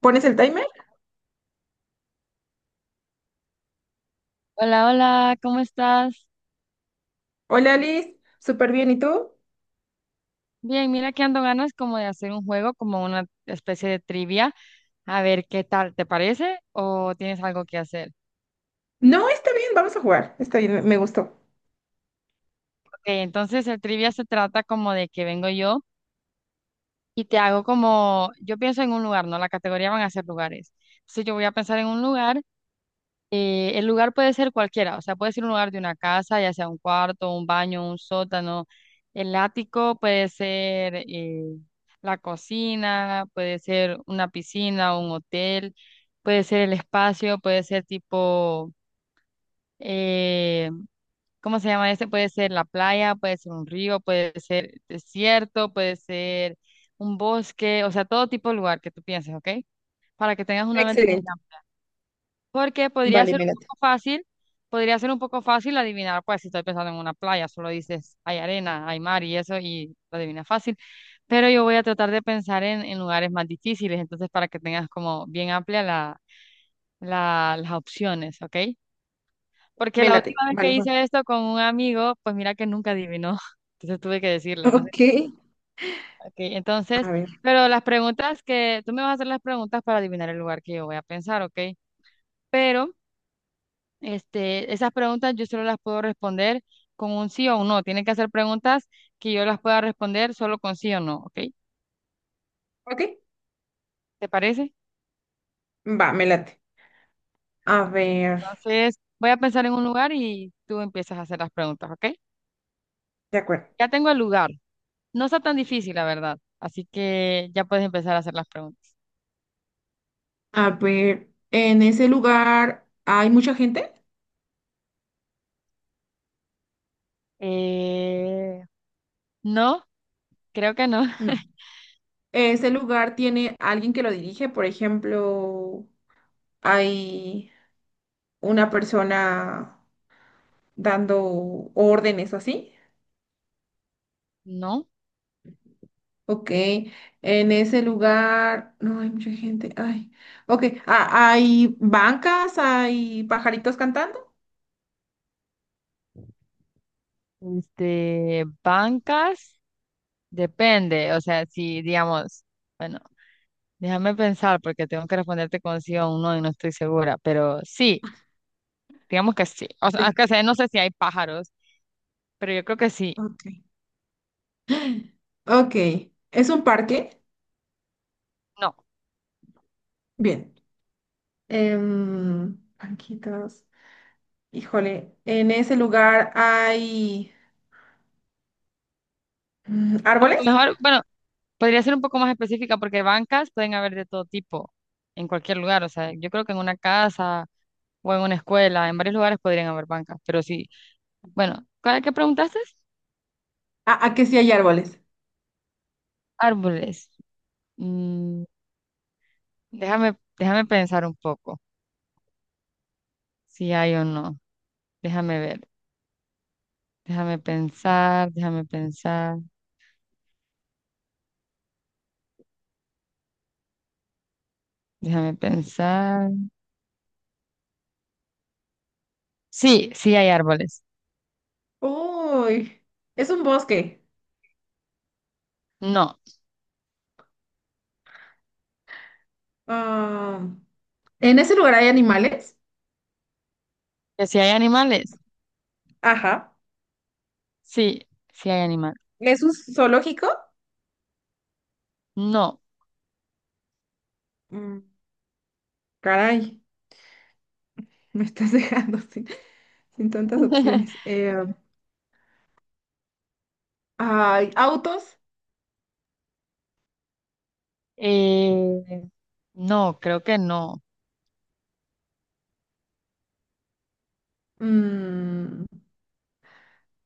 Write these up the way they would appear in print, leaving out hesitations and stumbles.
¿Pones el timer? Hola, hola, ¿cómo estás? Hola Alice, súper bien, ¿y tú? Bien, mira que ando ganas como de hacer un juego, como una especie de trivia. A ver qué tal, ¿te parece? ¿O tienes algo que hacer? No, está bien, vamos a jugar. Está bien, me gustó. Ok, entonces el trivia se trata como de que vengo yo y te hago como, yo pienso en un lugar, ¿no? La categoría van a ser lugares. Entonces yo voy a pensar en un lugar. El lugar puede ser cualquiera, o sea, puede ser un lugar de una casa, ya sea un cuarto, un baño, un sótano. El ático puede ser, la cocina, puede ser una piscina, un hotel, puede ser el espacio, puede ser tipo, eh, ¿cómo se llama este? Puede ser la playa, puede ser un río, puede ser desierto, puede ser un bosque, o sea, todo tipo de lugar que tú pienses, ¿ok? Para que tengas una mente muy Excelente. porque podría Vale, ser me un late. poco fácil, podría ser un poco fácil adivinar, pues si estoy pensando en una playa, solo dices hay arena, hay mar y eso y lo adivinas fácil. Pero yo voy a tratar de pensar en lugares más difíciles, entonces para que tengas como bien amplia las opciones, ¿ok? Porque Me la late. última vez que Vale, voy. hice esto con un amigo, pues mira que nunca adivinó, entonces tuve que decirle, entonces, Ok, ok, entonces, a ver. pero las preguntas que, tú me vas a hacer las preguntas para adivinar el lugar que yo voy a pensar, ¿ok? Pero... esas preguntas yo solo las puedo responder con un sí o un no. Tienen que hacer preguntas que yo las pueda responder solo con sí o no, ¿ok? Ok, ¿Te parece? va, me late. A ver, Entonces, voy a pensar en un lugar y tú empiezas a hacer las preguntas, ¿ok? de acuerdo. Ya tengo el lugar. No está tan difícil, la verdad. Así que ya puedes empezar a hacer las preguntas. A ver, ¿en ese lugar hay mucha gente? Eh, no, creo que no. No. ¿Ese lugar tiene alguien que lo dirige? Por ejemplo, ¿hay una persona dando órdenes así? No. Ok, en ese lugar no hay mucha gente. Ay, ok, ah, hay bancas, hay pajaritos cantando. Bancas, depende. O sea, si digamos, bueno. Déjame pensar porque tengo que responderte con sí o un no y no estoy segura, pero sí, digamos que sí. O sea, Sí, que sé, no sé si hay pájaros, pero yo creo que sí. ok. Ok, ¿es un parque? No. Bien. Banquitas. Híjole, en ese lugar hay árboles. Mejor, bueno, podría ser un poco más específica porque bancas pueden haber de todo tipo en cualquier lugar. O sea, yo creo que en una casa o en una escuela, en varios lugares podrían haber bancas, pero sí. Bueno, ¿cuál que preguntaste? Que sí hay árboles. Árboles. Mm, déjame pensar un poco si hay o no. Déjame ver. Déjame pensar, déjame pensar. Déjame pensar. Sí, sí hay árboles. Uy, es un bosque. No. Ah, ¿en ese lugar hay animales? ¿Que si hay animales? Ajá. Sí, sí hay animales. ¿Es un zoológico? No. Mm, Caray, me estás dejando sin tantas opciones. Ay, autos. Eh, no, creo que no. Mm,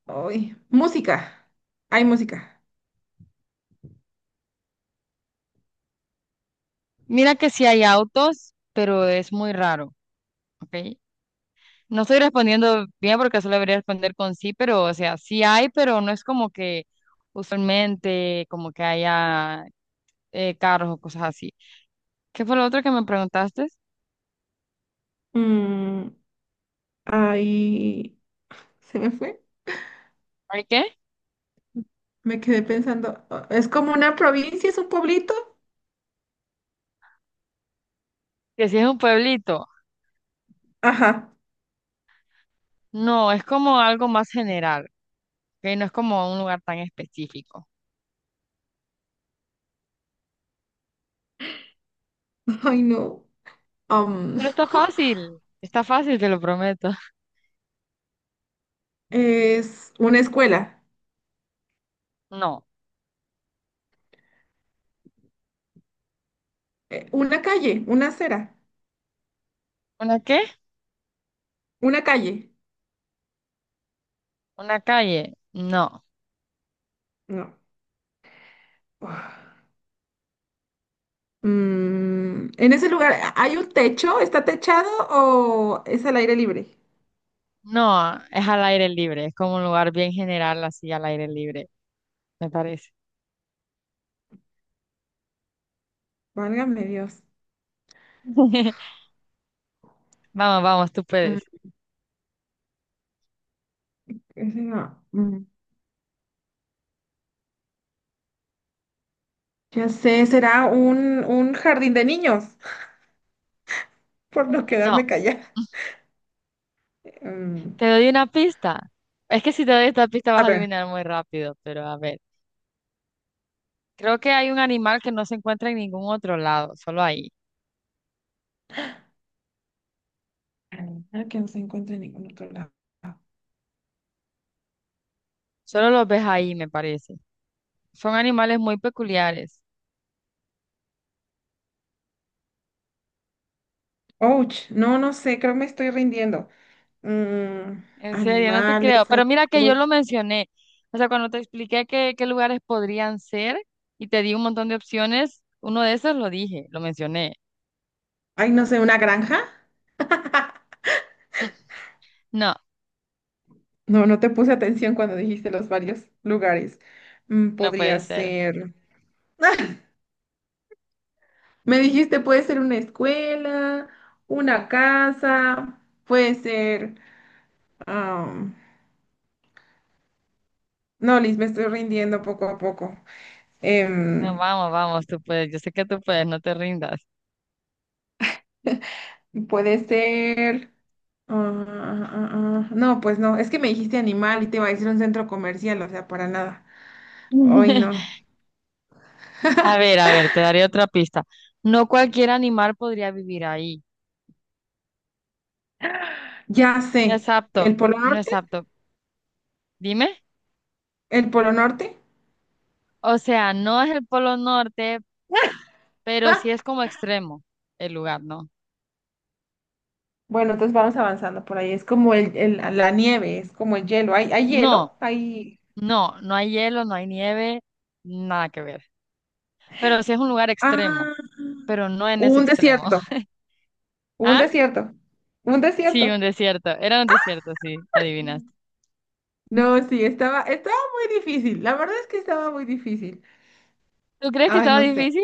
Ay, música. Hay música. Mira que sí hay autos, pero es muy raro, ¿ok? No estoy respondiendo bien porque solo debería responder con sí, pero o sea, sí hay, pero no es como que usualmente como que haya carros o cosas así. ¿Qué fue lo otro que me preguntaste? Mm, Ay, se me fue. ¿Hay qué? Me quedé pensando. Es como una provincia, es un pueblito. Que si es un pueblito. Ajá. No, es como algo más general, que no es como un lugar tan específico. Ay, no. Am, Pero está fácil, te lo prometo. es una escuela. No. Una calle, una acera. ¿Una qué? Una calle. ¿Una calle? No. No. Mm, en ese lugar, ¿hay un techo? ¿Está techado o es al aire libre? No, es al aire libre, es como un lugar bien general, así al aire libre, me parece. Válgame Dios. Vamos, vamos, tú Mm, puedes. ese no. Ya sé, será un jardín de niños, por no No, quedarme callada. Mm, te doy una pista. Es que si te doy esta pista vas a a ver. adivinar muy rápido, pero a ver. Creo que hay un animal que no se encuentra en ningún otro lado, solo ahí. Ah, que no se encuentra en ningún otro lado. Solo los ves ahí, me parece. Son animales muy peculiares. Ouch, no, no sé, creo que me estoy rindiendo. Mm, En serio, no te creo. Animales, ay, Pero mira que yo lo ouch. mencioné. O sea, cuando te expliqué qué lugares podrían ser y te di un montón de opciones, uno de esos lo dije, lo mencioné. Ay, no sé, una granja. Mm, No, No, no te puse atención cuando dijiste los varios lugares. Mm, no puede podría ser. ser. Me dijiste, puede ser una escuela, una casa, puede ser... am, no, Liz, me estoy rindiendo poco a poco. No, Em, vamos, vamos, tú puedes. Yo sé que tú puedes, no te rindas. Puede ser... ah, ah. No, pues no, es que me dijiste animal y te iba a decir un centro comercial, o sea, para nada. Hoy no. A ver, te daré otra pista. No cualquier animal podría vivir ahí. Ya No es sé, apto, el Polo no es Norte, apto. Dime. el Polo Norte. O sea, no es el Polo Norte, pero sí Ah, es como extremo el lugar, ¿no? bueno, entonces vamos avanzando por ahí. Es como la nieve, es como el hielo. Hay No. hielo? Hay... No, no hay hielo, no hay nieve, nada que ver. Pero sí es un lugar Ah, extremo, pero no en ese un extremo. desierto. Un ¿Ah? desierto. Un Sí, un desierto. desierto. Era un desierto, sí, adivinaste. No, sí, estaba muy difícil. La verdad es que estaba muy difícil. ¿Tú crees que Ay, estaba no sé. difícil?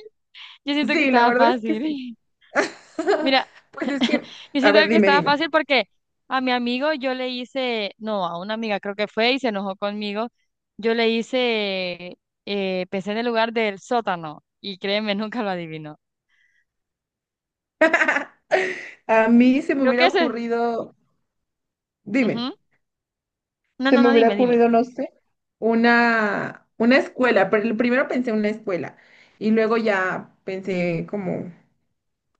Yo siento que Sí, la estaba verdad es que sí. fácil. Mira, Pues es que, yo a siento ver, que estaba dime. fácil porque a mi amigo yo le hice, no, a una amiga creo que fue y se enojó conmigo. Yo le hice, pensé en el lugar del sótano y créeme, nunca lo adivinó. A mí se me Creo que hubiera ese. ocurrido, Ujú. dime, No, se no, me no, hubiera dime, dime. ocurrido, no sé, una escuela, pero primero pensé en una escuela y luego ya pensé como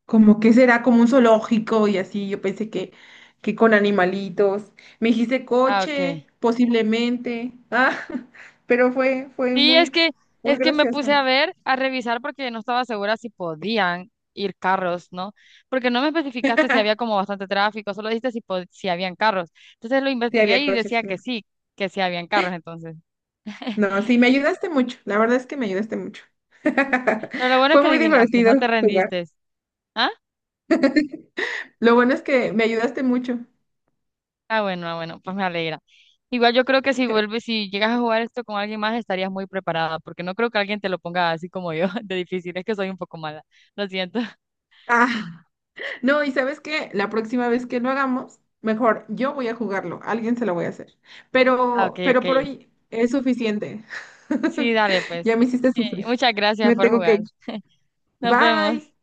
como que será como un zoológico y así, yo pensé que con animalitos. Me dijiste Ah, ok. coche, posiblemente, ah, pero fue Sí, muy, muy es que me gracioso. puse a ver, a revisar porque no estaba segura si podían ir carros, ¿no? Porque no me especificaste si había como bastante tráfico, solo dijiste si habían carros. Entonces lo Sí, investigué había y coches, decía claro. Que sí habían carros entonces. No, sí, me ayudaste mucho, la verdad es que me ayudaste mucho. Pero lo bueno es Fue que muy adivinaste, divertido no te jugar. rendiste. ¿Ah? Lo bueno es que me ayudaste mucho. Ah, bueno, ah, bueno, pues me alegra. Igual yo creo que si vuelves, si llegas a jugar esto con alguien más, estarías muy preparada, porque no creo que alguien te lo ponga así como yo, de difícil. Es que soy un poco mala. Lo siento. Ah. No, y sabes qué, la próxima vez que lo hagamos, mejor yo voy a jugarlo, alguien se lo voy a hacer. Ah, ok, Pero ok. por hoy es suficiente. Sí, dale, Ya pues. me hiciste sufrir. Muchas gracias Me por tengo que jugar. ir. Nos Bye. vemos.